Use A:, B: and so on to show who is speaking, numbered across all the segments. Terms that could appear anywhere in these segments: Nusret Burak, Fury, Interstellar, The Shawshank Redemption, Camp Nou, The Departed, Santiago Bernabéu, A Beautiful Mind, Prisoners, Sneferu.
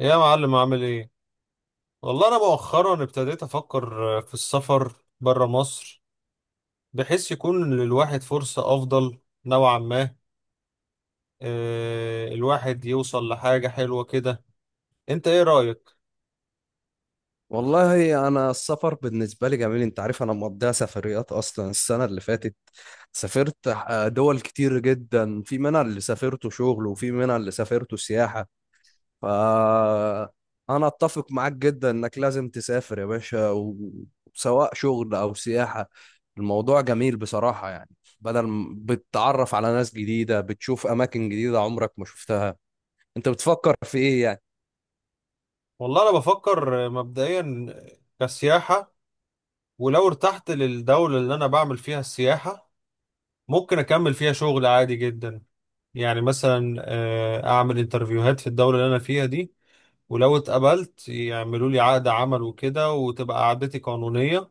A: يا معلم، عامل ايه؟ والله انا مؤخرا ابتديت افكر في السفر برا مصر، بحيث يكون للواحد فرصة افضل نوعا ما. الواحد يوصل لحاجة حلوة كده. انت ايه رأيك؟
B: والله انا السفر بالنسبه لي جميل. انت عارف انا مقضيها سفريات اصلا. السنه اللي فاتت سافرت دول كتير جدا، في منها اللي سافرته شغل وفي منها اللي سافرته سياحه. ف انا اتفق معاك جدا انك لازم تسافر يا باشا، سواء شغل او سياحه. الموضوع جميل بصراحه، بدل ما بتتعرف على ناس جديده بتشوف اماكن جديده عمرك ما شفتها. انت بتفكر في ايه يعني؟
A: والله انا بفكر مبدئيا كسياحة، ولو ارتحت للدولة اللي انا بعمل فيها السياحة ممكن اكمل فيها شغل عادي جدا. يعني مثلا اعمل انترفيوهات في الدولة اللي انا فيها دي، ولو اتقبلت يعملوا لي عقد عمل وكده وتبقى قعدتي قانونية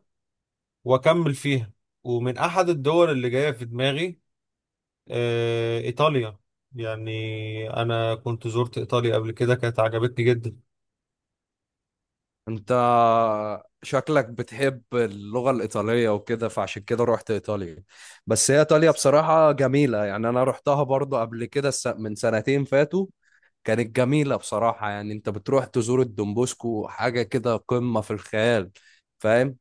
A: وأكمل فيها. ومن أحد الدول اللي جاية في دماغي إيطاليا. يعني أنا كنت زرت إيطاليا قبل كده، كانت عجبتني جدا.
B: انت شكلك بتحب اللغة الإيطالية وكده، فعشان كده رحت إيطاليا. بس هي إيطاليا بصراحة جميلة، يعني أنا رحتها برضو قبل كده من سنتين فاتوا. كانت جميلة بصراحة. يعني انت بتروح تزور الدومبوسكو، حاجة كده قمة في الخيال، فاهم؟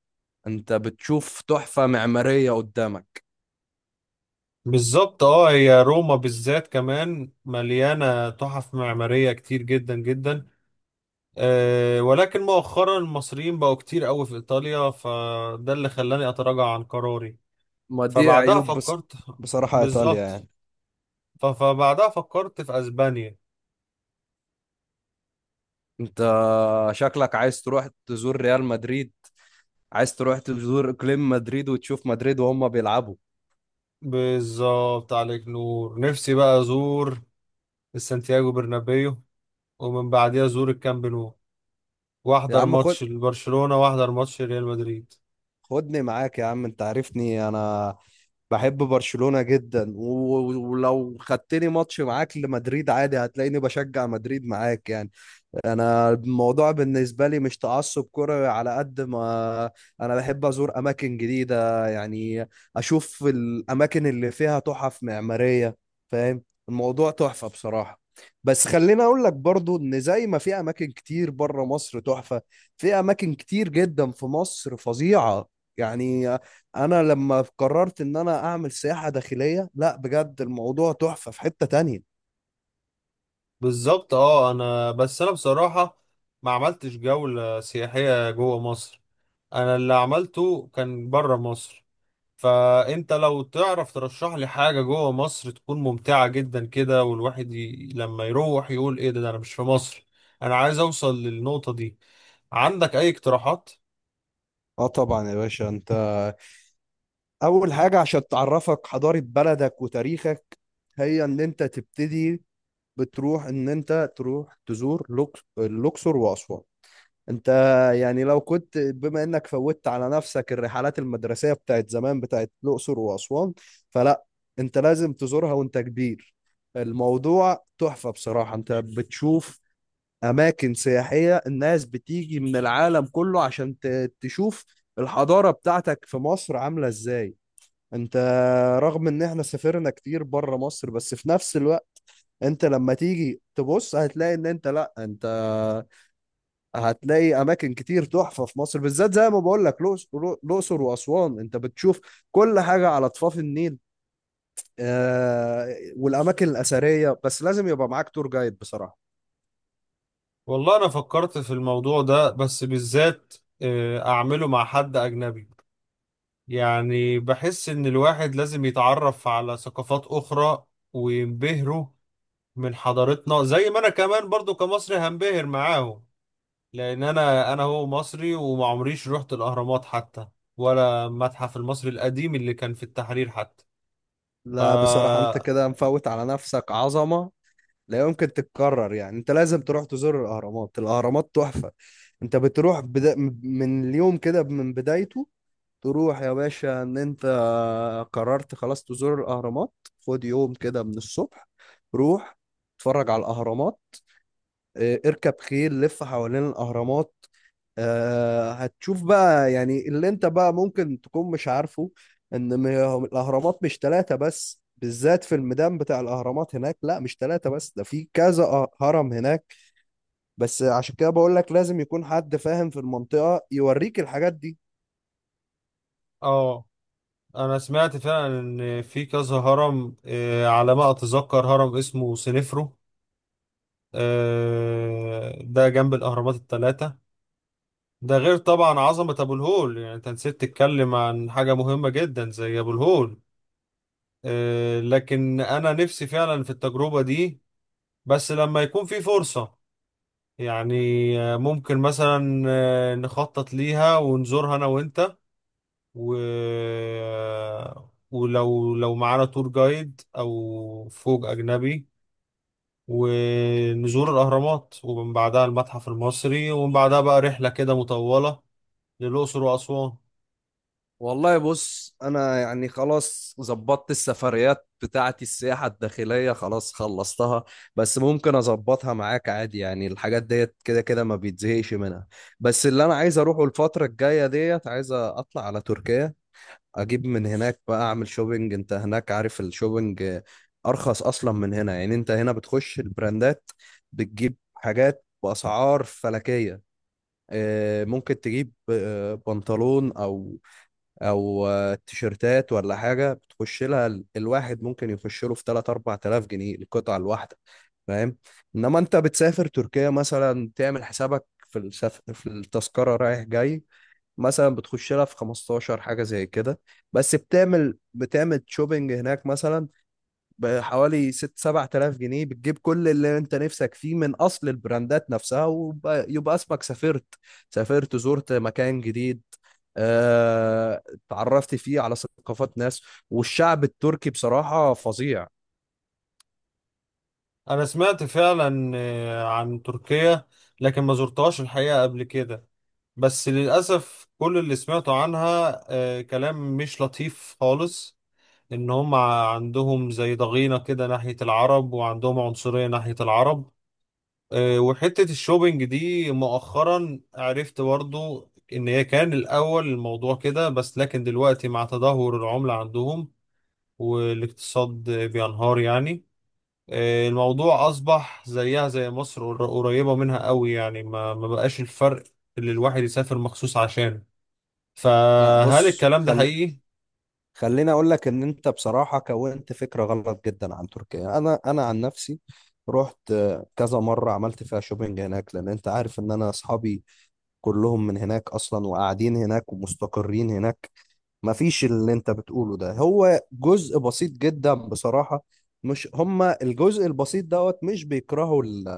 B: انت بتشوف تحفة معمارية قدامك.
A: بالظبط، هي روما بالذات كمان مليانة تحف معمارية كتير جدا جدا. ولكن مؤخرا المصريين بقوا كتير قوي في إيطاليا، فده اللي خلاني أتراجع عن قراري.
B: ما دي
A: فبعدها
B: عيوب بس،
A: فكرت.
B: بصراحة إيطاليا
A: بالظبط.
B: يعني.
A: فبعدها فكرت في اسبانيا.
B: انت شكلك عايز تروح تزور ريال مدريد، عايز تروح تزور اقليم مدريد وتشوف مدريد وهم بيلعبوا.
A: بالظبط، عليك نور. نفسي بقى ازور السانتياغو برنابيو، ومن بعديها ازور الكامب نو،
B: يا
A: واحضر
B: عم خد،
A: ماتش لبرشلونة واحضر ماتش ريال مدريد.
B: خدني معاك يا عم. انت عارفني انا بحب برشلونة جدا، ولو خدتني ماتش معاك لمدريد عادي، هتلاقيني بشجع مدريد معاك يعني. انا الموضوع بالنسبه لي مش تعصب كروي، على قد ما انا بحب ازور اماكن جديده يعني، اشوف الاماكن اللي فيها تحف معماريه، فاهم؟ الموضوع تحفه بصراحه. بس خليني اقول لك برضو ان زي ما في اماكن كتير بره مصر تحفه، في اماكن كتير جدا في مصر فظيعه. يعني انا لما قررت ان انا اعمل سياحه داخليه، لا بجد الموضوع تحفه في حته تانية.
A: بالظبط. اه انا بس انا بصراحة ما عملتش جولة سياحية جوه مصر، انا اللي عملته كان بره مصر. فانت لو تعرف ترشح لي حاجة جوه مصر تكون ممتعة جدا كده، والواحد لما يروح يقول ايه ده، ده انا مش في مصر. انا عايز اوصل للنقطة دي. عندك اي اقتراحات؟
B: اه طبعا يا باشا. انت اول حاجة عشان تعرفك حضارة بلدك وتاريخك، هي ان انت تبتدي بتروح ان انت تروح تزور الاقصر واسوان. انت يعني لو كنت، بما انك فوتت على نفسك الرحلات المدرسية بتاعت زمان بتاعت الاقصر واسوان، فلا، انت لازم تزورها وانت كبير. الموضوع تحفة بصراحة. انت بتشوف اماكن سياحية الناس بتيجي من العالم كله عشان تشوف الحضارة بتاعتك في مصر عاملة ازاي. انت رغم ان احنا سافرنا كتير بره مصر، بس في نفس الوقت انت لما تيجي تبص هتلاقي ان انت، لا انت هتلاقي اماكن كتير تحفة في مصر، بالذات زي ما بقول لك الاقصر واسوان. انت بتشوف كل حاجة على ضفاف النيل والاماكن الاثرية، بس لازم يبقى معاك تور جايد بصراحة.
A: والله انا فكرت في الموضوع ده بس بالذات اعمله مع حد اجنبي. يعني بحس ان الواحد لازم يتعرف على ثقافات اخرى وينبهروا من حضارتنا زي ما انا كمان برضو كمصري هنبهر معاهم. لان انا هو مصري وما عمريش رحت الاهرامات حتى، ولا المتحف المصري القديم اللي كان في التحرير حتى.
B: لا بصراحة
A: فا
B: انت كده مفوت على نفسك عظمة لا يمكن تتكرر. يعني انت لازم تروح تزور الاهرامات. الاهرامات تحفة. انت بتروح من اليوم كده من بدايته. تروح يا باشا ان انت قررت خلاص تزور الاهرامات. خد يوم كده من الصبح، روح اتفرج على الاهرامات. اه، اركب خيل لف حوالين الاهرامات. هتشوف بقى يعني اللي انت بقى ممكن تكون مش عارفه، ان الاهرامات مش ثلاثة بس. بالذات في الميدان بتاع الاهرامات هناك، لا مش ثلاثة بس، ده في كذا هرم هناك. بس عشان كده بقول لك لازم يكون حد فاهم في المنطقة يوريك الحاجات دي.
A: اه، انا سمعت فعلا ان في كذا هرم، على ما اتذكر هرم اسمه سنفرو، ده جنب الاهرامات الثلاثه. ده غير طبعا عظمه ابو الهول، يعني انت نسيت تتكلم عن حاجه مهمه جدا زي ابو الهول. لكن انا نفسي فعلا في التجربه دي بس لما يكون في فرصه. يعني ممكن مثلا نخطط ليها ونزورها انا وانت، و... آه، ولو معانا تور جايد او فوج اجنبي ونزور الاهرامات، ومن بعدها المتحف المصري، ومن بعدها بقى رحلة كده مطولة للاقصر واسوان.
B: والله بص انا يعني خلاص ظبطت السفريات بتاعتي. السياحة الداخلية خلاص خلصتها، بس ممكن اظبطها معاك عادي يعني، الحاجات ديت كده كده ما بيتزهقش منها. بس اللي انا عايز اروحه الفترة الجاية ديت، عايز اطلع على تركيا اجيب من هناك، بقى اعمل شوبينج. انت هناك عارف الشوبينج ارخص اصلا من هنا. يعني انت هنا بتخش البراندات بتجيب حاجات باسعار فلكية. ممكن تجيب بنطلون او تيشيرتات ولا حاجه، بتخش لها الواحد ممكن يخش له في 3 4000 جنيه القطعه الواحده، فاهم؟ انما انت بتسافر تركيا مثلا، تعمل حسابك في في التذكره رايح جاي مثلا، بتخش لها في 15 حاجه زي كده. بس بتعمل شوبينج هناك مثلا بحوالي 6 7000 جنيه، بتجيب كل اللي انت نفسك فيه من اصل البراندات نفسها، ويبقى اسمك سافرت، سافرت زرت مكان جديد، آه، اتعرفت فيه على ثقافات ناس. والشعب التركي بصراحة فظيع.
A: انا سمعت فعلا عن تركيا، لكن ما زرتهاش الحقيقة قبل كده. بس للأسف كل اللي سمعته عنها كلام مش لطيف خالص، ان هم عندهم زي ضغينة كده ناحية العرب وعندهم عنصرية ناحية العرب. وحتة الشوبينج دي مؤخرا عرفت برضو ان هي كان الاول الموضوع كده، بس لكن دلوقتي مع تدهور العملة عندهم والاقتصاد بينهار يعني، الموضوع اصبح زيها زي مصر، قريبة منها قوي، يعني ما بقاش الفرق اللي الواحد يسافر مخصوص عشان.
B: لا
A: فهل
B: بص
A: الكلام ده
B: خل...
A: حقيقي؟
B: خليني اقول لك ان انت بصراحة كونت فكرة غلط جدا عن تركيا. انا عن نفسي رحت كذا مرة، عملت فيها شوبينج هناك، لان انت عارف ان انا اصحابي كلهم من هناك اصلا وقاعدين هناك ومستقرين هناك. مفيش اللي انت بتقوله ده، هو جزء بسيط جدا بصراحة. مش هما الجزء البسيط دوت مش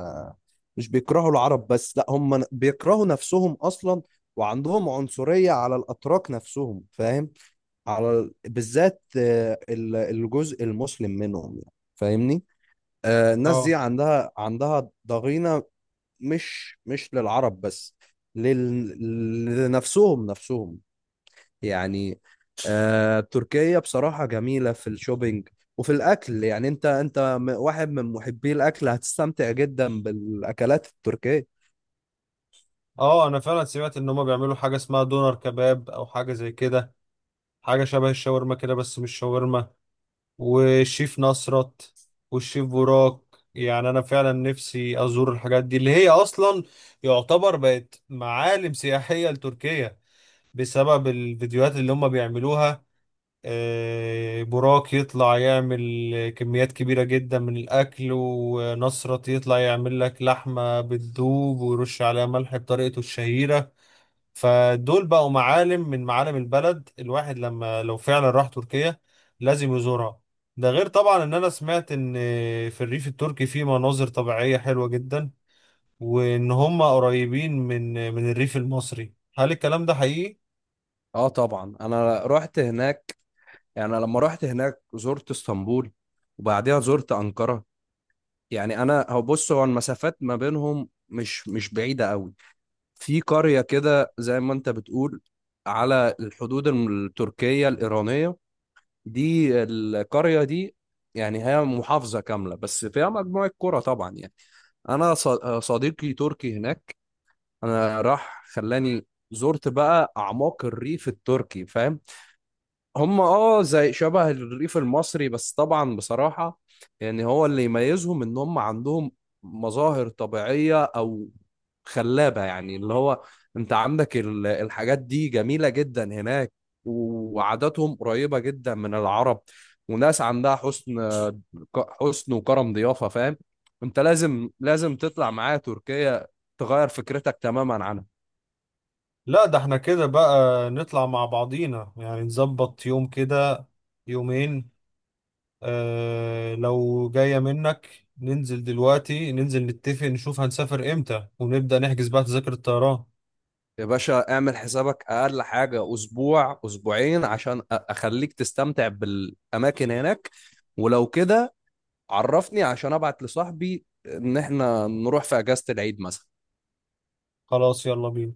B: مش بيكرهوا العرب بس، لا هما بيكرهوا نفسهم اصلا. وعندهم عنصرية على الاتراك نفسهم، فاهم؟ على بالذات الجزء المسلم منهم، يعني فاهمني؟ الناس
A: اه،
B: دي عندها ضغينة، مش مش للعرب بس، لنفسهم نفسهم يعني. آه تركيا بصراحة جميلة في الشوبينج وفي الأكل. يعني أنت، واحد من محبي الأكل، هتستمتع جدا بالأكلات التركية.
A: اه، انا فعلا سمعت ان هم بيعملوا حاجه اسمها دونر كباب او حاجه زي كده، حاجه شبه الشاورما كده بس مش شاورما، والشيف نصرت والشيف براك. يعني انا فعلا نفسي ازور الحاجات دي اللي هي اصلا يعتبر بقت معالم سياحيه لتركيا بسبب الفيديوهات اللي هم بيعملوها. براك يطلع يعمل كميات كبيرة جدا من الأكل، ونصرت يطلع يعمل لك لحمة بتدوب ويرش عليها ملح بطريقته الشهيرة. فدول بقوا معالم من معالم البلد، الواحد لما لو فعلا راح تركيا لازم يزورها. ده غير طبعا ان انا سمعت ان في الريف التركي في مناظر طبيعية حلوة جدا، وان هم قريبين من الريف المصري. هل الكلام ده حقيقي؟
B: اه طبعا انا رحت هناك. يعني لما رحت هناك زرت اسطنبول وبعديها زرت انقره. يعني انا هو بص، هو المسافات ما بينهم مش مش بعيده قوي. في قريه كده، زي ما انت بتقول، على الحدود التركيه الايرانيه، دي القرية دي. يعني هي محافظة كاملة بس فيها مجموعة كرة طبعا يعني. أنا ص- صديقي تركي هناك. أنا راح خلاني زرت بقى أعماق الريف التركي، فاهم؟ هم اه زي شبه الريف المصري، بس طبعا بصراحة يعني هو اللي يميزهم ان هم عندهم مظاهر طبيعية او خلابة، يعني اللي هو انت عندك الحاجات دي جميلة جدا هناك. وعاداتهم قريبة جدا من العرب، وناس عندها حسن، وكرم ضيافة، فاهم؟ انت لازم تطلع معايا تركيا تغير فكرتك تماما عنها.
A: لا، ده احنا كده بقى نطلع مع بعضينا، يعني نظبط يوم كده، يومين. اه، لو جاية منك ننزل دلوقتي، ننزل نتفق نشوف هنسافر امتى ونبدأ نحجز بقى تذاكر الطيران.
B: يا باشا اعمل حسابك اقل حاجه اسبوع اسبوعين عشان اخليك تستمتع بالاماكن هناك. ولو كده، عرفني عشان ابعت لصاحبي ان احنا نروح في اجازه العيد مثلا.
A: خلاص، يلا بينا.